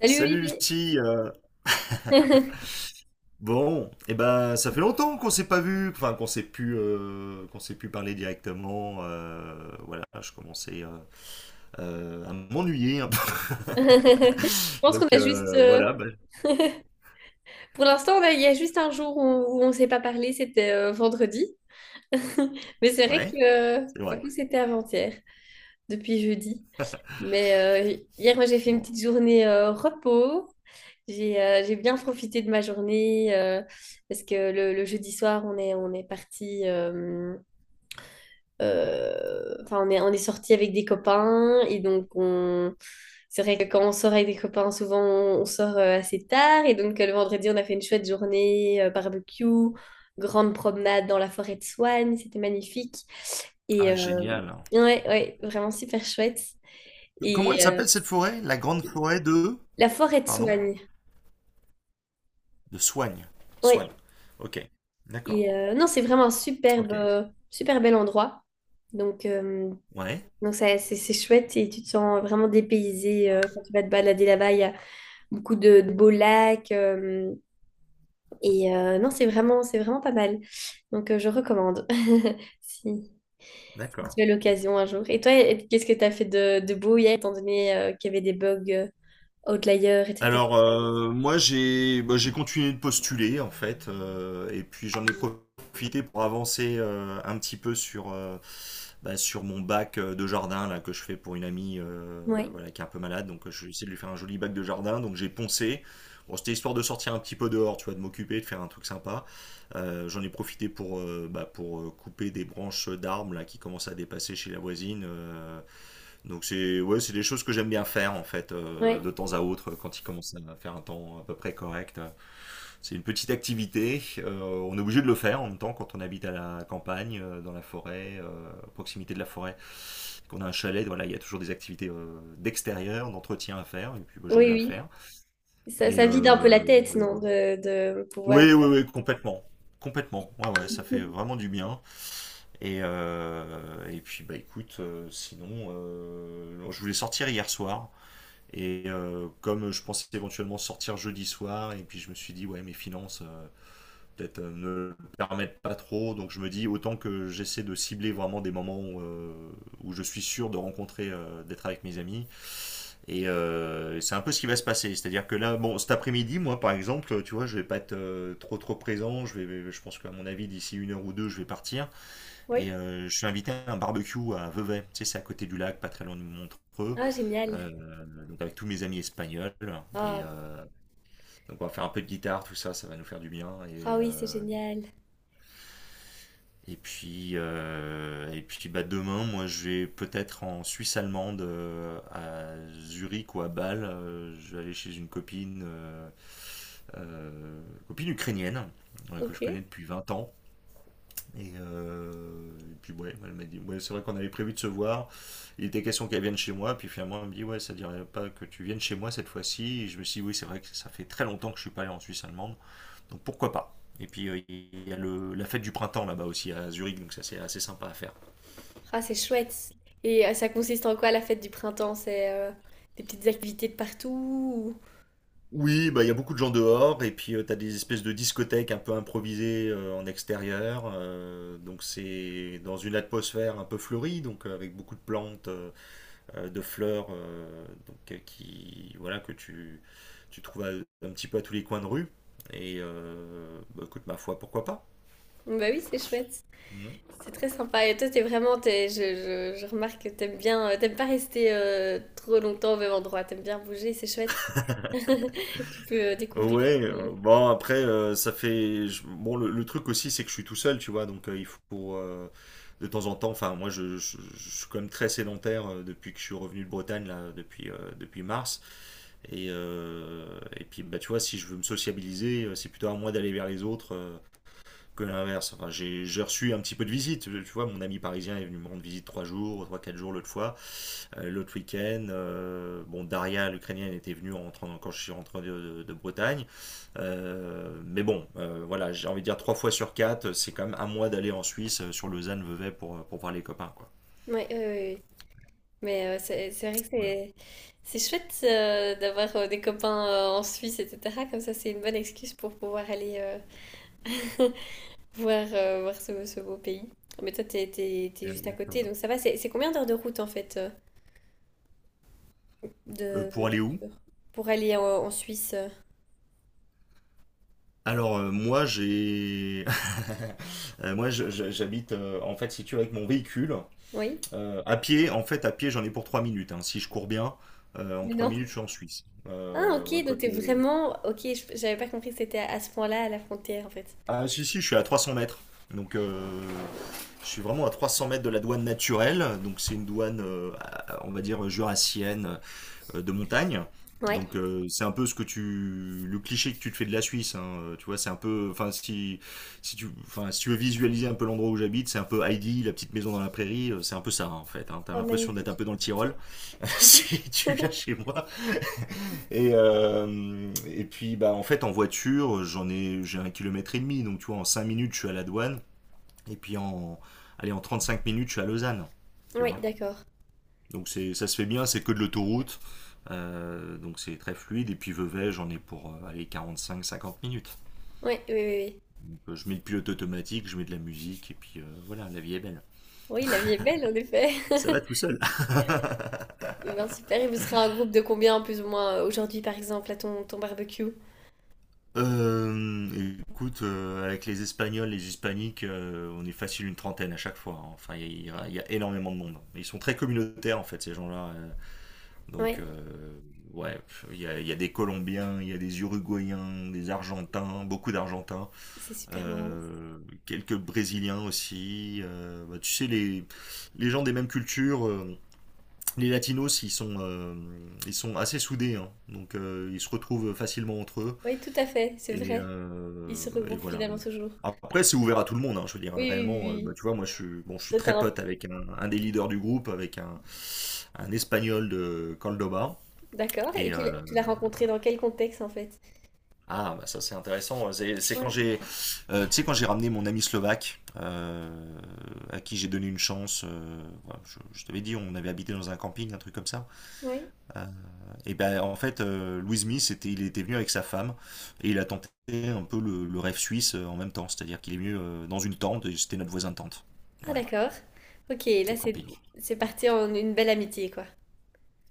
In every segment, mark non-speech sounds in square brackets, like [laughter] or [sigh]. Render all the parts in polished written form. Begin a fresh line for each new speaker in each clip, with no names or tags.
Salut
Salut
Olivier.
Lucie. [laughs]
[laughs]
Bon, et ben ça fait longtemps qu'on s'est pas vu, enfin qu'on s'est pu parler directement. Voilà, je commençais à m'ennuyer un peu.
Je
[laughs]
pense qu'on
Donc
a juste,
voilà, ben,
pour l'instant, il y a juste un jour où on ne s'est pas parlé, c'était vendredi. [laughs] Mais c'est vrai
ouais,
que
c'est
du
vrai.
coup, c'était avant-hier, depuis jeudi. Mais hier, moi, j'ai fait une
Bon.
petite journée repos. J'ai bien profité de ma journée parce que le jeudi soir, on est parti. Enfin, on est sorti avec des copains et donc on... C'est vrai que quand on sort avec des copains, souvent on sort assez tard et donc le vendredi on a fait une chouette journée, barbecue, grande promenade dans la forêt de Swan, c'était magnifique et
Ah génial.
ouais, ouais, vraiment super chouette.
Comment elle
Et
s'appelle cette forêt? La grande forêt de,
la forêt de
pardon,
Soigne,
de Soigne. Soigne.
ouais.
Ok. D'accord.
Et non, c'est vraiment un superbe,
Ok.
super bel endroit. Donc, euh,
Ouais.
donc ça, c'est chouette et tu te sens vraiment dépaysé quand tu vas te balader là-bas. Beaucoup de beaux lacs. Et non, c'est vraiment pas mal. Je recommande [laughs] si, si
D'accord.
tu as l'occasion un jour. Et toi, qu'est-ce que tu as fait de beau hier, étant donné qu'il y avait des bugs outliers, etc.
Alors, moi, j'ai bah, j'ai continué de postuler, en fait, et puis j'en ai profité pour avancer un petit peu sur, bah, sur mon bac de jardin là, que je fais pour une amie
Ouais,
voilà, qui est un peu malade. Donc, je vais essayer de lui faire un joli bac de jardin. Donc, j'ai poncé. Bon, c'était histoire de sortir un petit peu dehors, tu vois, de m'occuper, de faire un truc sympa. J'en ai profité pour, bah, pour couper des branches d'arbres là, qui commencent à dépasser chez la voisine. Donc c'est ouais, c'est des choses que j'aime bien faire en fait
ouais,
de temps à autre quand il commence à faire un temps à peu près correct. C'est une petite activité, on est obligé de le faire en même temps quand on habite à la campagne, dans la forêt, à proximité de la forêt, qu'on a un chalet, voilà, il y a toujours des activités d'extérieur, d'entretien à faire et puis bah, j'aime bien le
oui,
faire.
oui. Ça,
Et
ça vide un peu
euh,
la tête,
et
non,
voilà.
de pouvoir.
Oui, oui, oui, complètement. Complètement. Ouais, ouais, ça fait
[laughs]
vraiment du bien. Et puis bah écoute, sinon, je voulais sortir hier soir. Et comme je pensais éventuellement sortir jeudi soir, et puis je me suis dit, ouais, mes finances peut-être ne le permettent pas trop, donc je me dis, autant que j'essaie de cibler vraiment des moments où je suis sûr de rencontrer, d'être avec mes amis. Et c'est un peu ce qui va se passer. C'est-à-dire que là, bon, cet après-midi, moi, par exemple, tu vois, je vais pas être trop trop présent. Je pense qu'à mon avis, d'ici une heure ou deux, je vais partir.
Oui.
Et je suis invité à un barbecue à Vevey, tu sais, c'est à côté du lac, pas très loin de Montreux,
Ah, génial.
donc avec tous mes amis espagnols. Et
Ah,
donc on va faire un peu de guitare, tout ça, ça va nous faire du bien.
ah
Et,
oui, c'est
euh,
génial.
et puis, euh, et puis bah, demain, moi je vais peut-être en Suisse allemande, à Zurich ou à Bâle. Je vais aller chez une copine, euh, copine ukrainienne que
Ok.
je connais depuis 20 ans. Et, euh, et puis ouais, elle m'a dit, ouais, c'est vrai qu'on avait prévu de se voir. Il était question qu'elle vienne chez moi, puis finalement elle me dit, ouais, ça ne dirait pas que tu viennes chez moi cette fois-ci. Et je me suis dit, oui, c'est vrai que ça fait très longtemps que je suis pas allé en Suisse allemande, donc pourquoi pas. Et puis il y a la fête du printemps là-bas aussi à Zurich, donc ça c'est assez sympa à faire.
Ah, c'est chouette. Et ça consiste en quoi la fête du printemps? C'est des petites activités de partout?
Oui, bah il y a beaucoup de gens dehors, et puis tu as des espèces de discothèques un peu improvisées en extérieur. Donc c'est dans une atmosphère un peu fleurie, donc avec beaucoup de plantes. De fleurs donc, qui, voilà, que tu trouves un petit peu à tous les coins de rue. Et bah, écoute, ma foi, pourquoi pas?
Bah oui, c'est chouette.
Mhm.
C'est très sympa. Et toi, t'es vraiment, t'es- je remarque que t'aimes bien, t'aimes pas rester trop longtemps au même endroit. T'aimes bien bouger, c'est chouette. [laughs] Tu peux découvrir.
Ouais,
les-
bon après ça fait bon le truc aussi c'est que je suis tout seul tu vois donc il faut de temps en temps enfin moi je suis quand même très sédentaire depuis que je suis revenu de Bretagne là depuis mars et puis bah tu vois si je veux me sociabiliser c'est plutôt à moi d'aller vers les autres que l'inverse. Enfin, j'ai reçu un petit peu de visite. Tu vois, mon ami parisien est venu me rendre visite 3 jours, 3, 4 jours l'autre fois. L'autre week-end, bon, Daria, l'Ukrainienne, était venue en quand je suis rentré de, de Bretagne. Mais bon, voilà, j'ai envie de dire trois fois sur quatre, c'est quand même un mois d'aller en Suisse sur Lausanne-Vevey pour voir les copains, quoi.
Ouais, ouais, ouais, ouais. Mais c'est vrai que c'est chouette d'avoir des copains en Suisse, etc. Comme ça, c'est une bonne excuse pour pouvoir aller [laughs] voir, voir ce beau pays. Mais toi, t'es
Voilà,
juste à côté,
exactement.
donc ça va. C'est combien d'heures de route en fait de
Pour aller où?
voiture pour aller en Suisse?
Alors, moi j'ai [laughs] Moi j'habite en fait si tu veux avec mon véhicule.
Oui.
À pied, en fait, à pied, j'en ai pour 3 minutes. Hein. Si je cours bien, en
Mais
3
non.
minutes, je suis en Suisse.
Ah,
Euh, ouais,
ok,
quoi
donc t'es
que-
vraiment. Ok, j'avais pas compris que c'était à ce point-là, à la frontière, en fait.
Ah, si, si, je suis à 300 mètres. Donc, je suis vraiment à 300 mètres de la douane naturelle. Donc, c'est une douane, on va dire, jurassienne, de montagne.
Ouais.
Donc, c'est un peu ce que le cliché que tu te fais de la Suisse. Hein. Tu vois, c'est un peu, enfin, si tu veux visualiser un peu l'endroit où j'habite, c'est un peu Heidi, la petite maison dans la prairie. C'est un peu ça, hein, en fait. Hein. T'as
Oh,
l'impression d'être un
magnifique.
peu dans le Tyrol. [laughs] Si tu viens chez moi. Et puis, bah, en fait, en voiture, j'ai 1 kilomètre et demi. Donc, tu vois, en 5 minutes, je suis à la douane. Et puis, en 35 minutes, je suis à Lausanne. Tu
Oui,
vois.
d'accord.
Donc, c'est, ça se fait bien, c'est que de l'autoroute. Donc, c'est très fluide. Et puis, Vevey, j'en ai pour, allez, 45 50 minutes.
Ouais, oui, oui, oui.
Donc, je mets le pilote automatique, je mets de la musique. Et puis, voilà, la vie est belle.
Oui, la vie est belle, en effet. [laughs]
Ça va tout seul. [laughs]
Eh ben, super. Et vous serez un groupe de combien, plus ou moins, aujourd'hui, par exemple, à ton barbecue?
Écoute, avec les Espagnols, les Hispaniques, on est facile une trentaine à chaque fois. Hein. Enfin, il y a énormément de monde. Hein. Ils sont très communautaires, en fait, ces gens-là.
Ouais,
Donc, ouais, pff, il y a des Colombiens, il y a des Uruguayens, des Argentins, beaucoup d'Argentins,
c'est super marrant.
euh, quelques Brésiliens aussi. Bah, tu sais, les gens des mêmes cultures, les Latinos, ils sont assez soudés. Hein. Donc, ils se retrouvent facilement entre eux.
Oui, tout à fait, c'est
Et,
vrai. Ils se
heu et
regroupent
voilà.
finalement toujours.
Après, c'est ouvert à tout le monde, hein. Je veux dire,
Oui, oui, oui.
réellement,
Oui.
bah, tu vois, moi, je suis bon, je suis
Toi, t'as
très pote
un-
avec un des leaders du groupe, avec un Espagnol de Córdoba.
D'accord. Et
et heu
tu l'as rencontré dans quel contexte, en fait?
ah, bah, ça, c'est intéressant, c'est quand
Ouais,
tu sais, quand j'ai ramené mon ami slovaque, à qui j'ai donné une chance, voilà, je t'avais dit, on avait habité dans un camping, un truc comme ça.
ouais.
Euh, et ben en fait, Louis Smith, il était venu avec sa femme et il a tenté un peu le rêve suisse en même temps, c'est-à-dire qu'il est venu dans une tente et c'était notre voisin de tente.
Ah,
Voilà,
d'accord. Ok, là,
au
c'est
camping.
c'est parti en une belle amitié, quoi.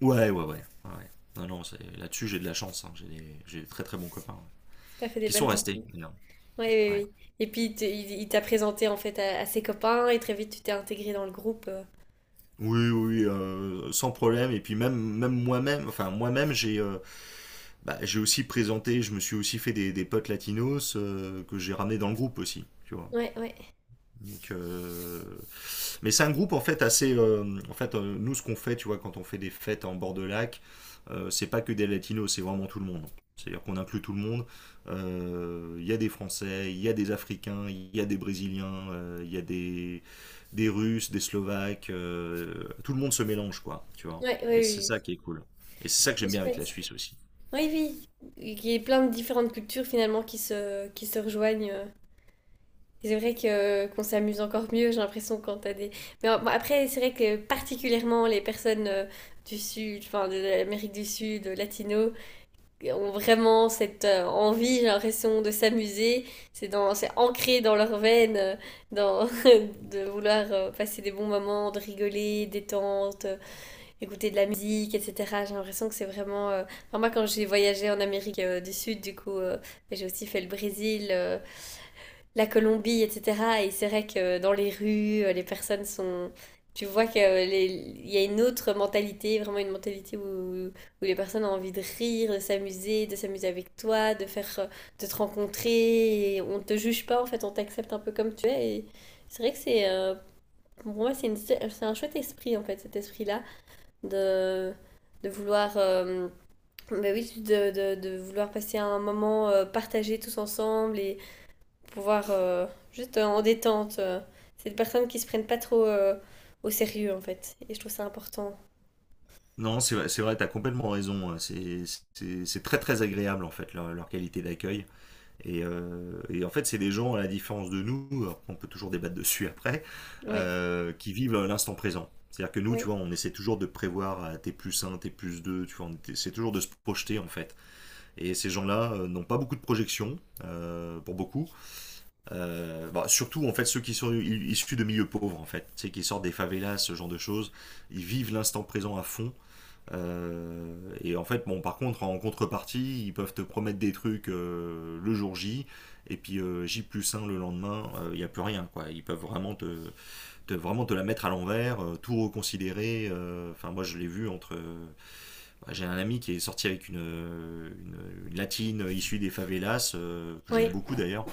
Ouais, ouais, ouais. Ouais. Ouais. Non, non, là-dessus j'ai de la chance, hein. J'ai des très très bons copains ouais.
T'as fait des
Qui
belles
sont restés
rencontres.
d'ailleurs.
Oui,
Ouais.
oui, oui. Et puis il t'a présenté en fait à ses copains et très vite tu t'es intégré dans le groupe.
Oui, oui, sans problème. Et puis même moi-même, enfin moi-même, j'ai bah, j'ai aussi présenté, je me suis aussi fait des potes latinos que j'ai ramenés dans le groupe aussi, tu vois.
Ouais, ouais,
Donc, mais c'est un groupe en fait assez. En fait, nous, ce qu'on fait, tu vois, quand on fait des fêtes en bord de lac, c'est pas que des latinos, c'est vraiment tout le monde. C'est-à-dire qu'on inclut tout le monde. Il y a des Français, il y a des Africains, il y a des Brésiliens, il y a des Russes, des Slovaques. Tout le monde se mélange, quoi, tu vois.
ouais, ouais,
Et c'est
oui.
ça qui est cool. Et c'est ça
Oui.
que j'aime
C'est
bien avec la
chouette.
Suisse aussi.
Oui, oui. Il y a plein de différentes cultures finalement qui se rejoignent. Et c'est vrai que qu'on s'amuse encore mieux, j'ai l'impression, quand t'as des. Mais bon, après, c'est vrai que particulièrement les personnes du Sud, enfin de l'Amérique du Sud, latino, ont vraiment cette envie, j'ai l'impression, de s'amuser. C'est ancré dans leurs veines, dans, [laughs] de vouloir passer des bons moments, de rigoler, détente, écouter de la musique, etc. J'ai l'impression que c'est vraiment... enfin, moi, quand j'ai voyagé en Amérique du Sud, du coup, j'ai aussi fait le Brésil, la Colombie, etc. Et c'est vrai que dans les rues, les personnes sont... Tu vois qu'il y a une autre mentalité, vraiment une mentalité où les personnes ont envie de rire, de s'amuser avec toi, de faire, de te rencontrer. Et on ne te juge pas, en fait, on t'accepte un peu comme tu es. Et c'est vrai que pour moi, c'est un chouette esprit, en fait, cet esprit-là, de, de vouloir... bah oui, de vouloir passer un moment partagé tous ensemble et, pour pouvoir juste en détente. C'est des personnes qui se prennent pas trop au sérieux en fait. Et je trouve ça important.
Non, c'est vrai, t'as complètement raison. Hein. C'est très très agréable en fait leur qualité d'accueil. Et, en fait, c'est des gens, à la différence de nous, alors qu'on peut toujours débattre dessus après,
Oui,
qui vivent l'instant présent. C'est-à-dire que nous, tu
oui,
vois, on essaie toujours de prévoir à T plus un, T plus 2. Tu vois, on essaie toujours de se projeter en fait. Et ces gens-là n'ont pas beaucoup de projections, pour beaucoup. Bah, surtout en fait ceux qui sont issus de milieux pauvres en fait, tu sais, qui sortent des favelas, ce genre de choses, ils vivent l'instant présent à fond. Euh, et en fait, bon, par contre, en contrepartie, ils peuvent te promettre des trucs le jour J, et puis J plus un le lendemain, il n'y a plus rien, quoi. Ils peuvent vraiment vraiment te la mettre à l'envers, tout reconsidérer. Enfin, moi, je l'ai vu entre. Bah, j'ai un ami qui est sorti avec une latine issue des favelas, que j'aime
oui.
beaucoup d'ailleurs.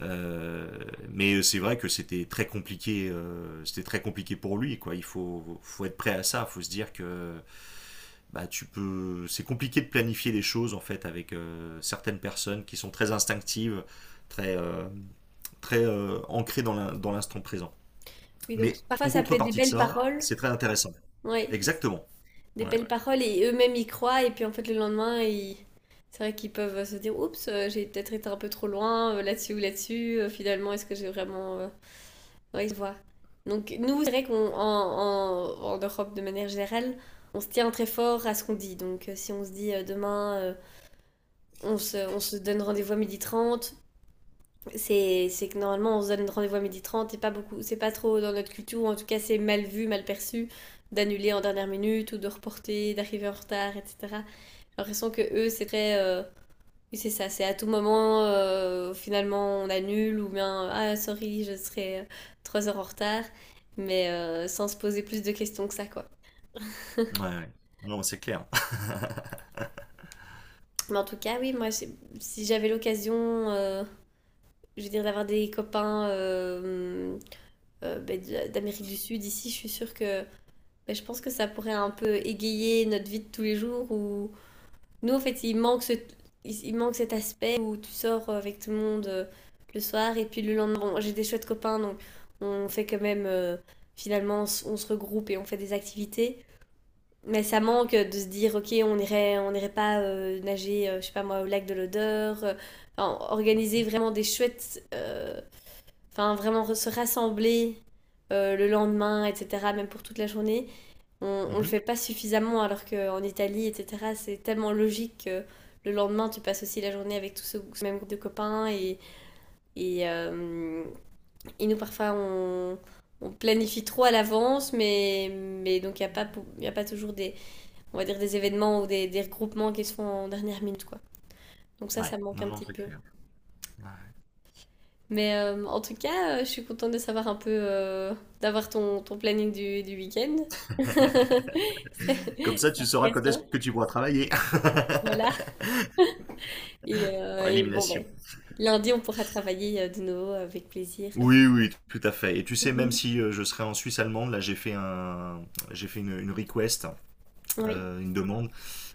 Euh, mais c'est vrai que c'était très compliqué pour lui, quoi. Il faut être prêt à ça. Il faut se dire que bah, c'est compliqué de planifier les choses en fait avec certaines personnes qui sont très instinctives, très, euh, très ancrées dans l'instant présent.
Oui, donc
Mais
parfois
en
ça peut être des
contrepartie de
belles
ça,
paroles.
c'est très intéressant.
Oui,
Exactement.
des
Ouais.
belles paroles et eux-mêmes y croient. Et puis en fait le lendemain, ils... C'est vrai qu'ils peuvent se dire, oups, j'ai peut-être été un peu trop loin là-dessus ou là-dessus. Finalement, est-ce que j'ai vraiment... Oui, je vois. Donc nous, c'est vrai en Europe de manière générale, on se tient très fort à ce qu'on dit. Donc si on se dit demain... On se donne rendez-vous à 12h30. C'est que normalement, on se donne rendez-vous à midi 30 et pas beaucoup, c'est pas trop dans notre culture, ou en tout cas, c'est mal vu, mal perçu d'annuler en dernière minute ou de reporter, d'arriver en retard, etc. J'ai l'impression que eux, c'est très. Oui, c'est ça, c'est à tout moment, finalement, on annule ou bien, ah, sorry, je serai 3 heures en retard, mais sans se poser plus de questions que ça, quoi.
Ouais. Ouais. Non, c'est clair.
Mais en tout cas, oui, moi, si j'avais l'occasion, euh, je veux dire, d'avoir des copains ben, d'Amérique du Sud, ici, je suis sûre que ben, je pense que ça pourrait un peu égayer notre vie de tous les jours où nous, en fait, il manque cet aspect où tu sors avec tout le monde le soir et puis le lendemain, bon, j'ai des chouettes copains, donc on fait quand même, finalement, on se regroupe et on fait des activités. Mais ça manque de se dire, ok, on irait pas nager, je sais pas moi, au lac de l'Odeur, enfin, organiser
[laughs]
vraiment des chouettes vraiment se rassembler le lendemain, etc., même pour toute la journée, on le
Mhm.
fait pas suffisamment, alors qu'en Italie, etc., c'est tellement logique que le lendemain, tu passes aussi la journée avec tout ce même groupe de copains. Et, et, euh, et nous, parfois, on planifie trop à l'avance, mais, donc il n'y a, pas y a pas toujours des, on va dire, des événements ou des regroupements qui se font en dernière minute, quoi. Donc ça,
Ouais.
ça me manque
Non,
un
non,
petit
c'est
peu.
clair. Ouais.
Mais en tout cas, je suis contente de savoir un peu, d'avoir ton planning du week-end. [laughs] C'est
Comme ça,
c'est
tu sauras quand est-ce
intéressant.
que tu pourras travailler.
Voilà.
[laughs]
Et
Par
et bon, ben
élimination.
lundi, on pourra travailler de nouveau avec plaisir. [laughs]
Oui, oui, tout à fait. Et tu sais, même
Mhm.
si je serais en Suisse allemande, là j'ai fait un, j'ai fait une request,
Oui.
une demande,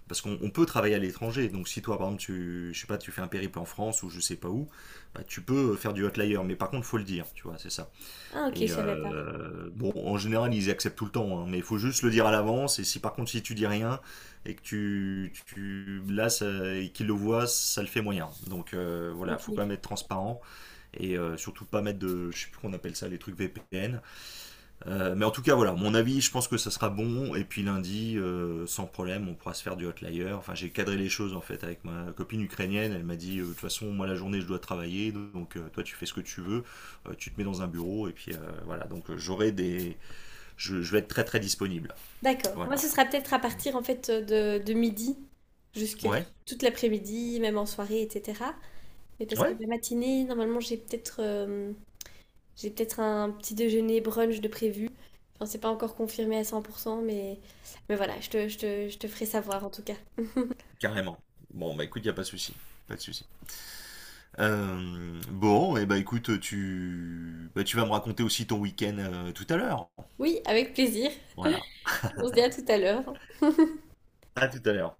parce qu'on on peut travailler à l'étranger. Donc si toi, par exemple, tu, je sais pas, tu fais un périple en France ou je sais pas où, bah, tu peux faire du hotlayer, mais par contre, faut le dire, tu vois, c'est ça.
Ah, ok, je
Et
savais pas.
bon, en général, ils acceptent tout le temps, hein, mais il faut juste le dire à l'avance. Et si par contre, si tu dis rien et que tu là, ça- et qu'ils le voient, ça le fait moyen. Donc voilà,
Ok.
faut quand même être transparent. Et surtout pas mettre de, je sais plus qu'on appelle ça, les trucs VPN. Mais en tout cas, voilà, mon avis, je pense que ça sera bon. Et puis lundi, sans problème, on pourra se faire du hotlayer. Enfin, j'ai cadré les choses en fait avec ma copine ukrainienne. Elle m'a dit, de toute façon, moi la journée, je dois travailler, donc toi, tu fais ce que tu veux, tu te mets dans un bureau et puis voilà. Donc j'aurai je vais être très très disponible.
D'accord. Moi,
Voilà.
ce sera peut-être à partir en fait de midi jusque
Ouais,
toute l'après-midi, même en soirée, etc. Mais parce que
ouais,
la matinée, normalement, j'ai peut-être un petit déjeuner brunch de prévu. Enfin, c'est pas encore confirmé à 100%, mais, voilà, je te ferai savoir en tout cas.
carrément. Bon, bah écoute, y a pas de souci, pas de souci. Bon, et bah écoute, bah, tu vas me raconter aussi ton week-end tout à l'heure.
Oui, avec plaisir.
Voilà.
On se dit à tout à l'heure.
À tout à l'heure.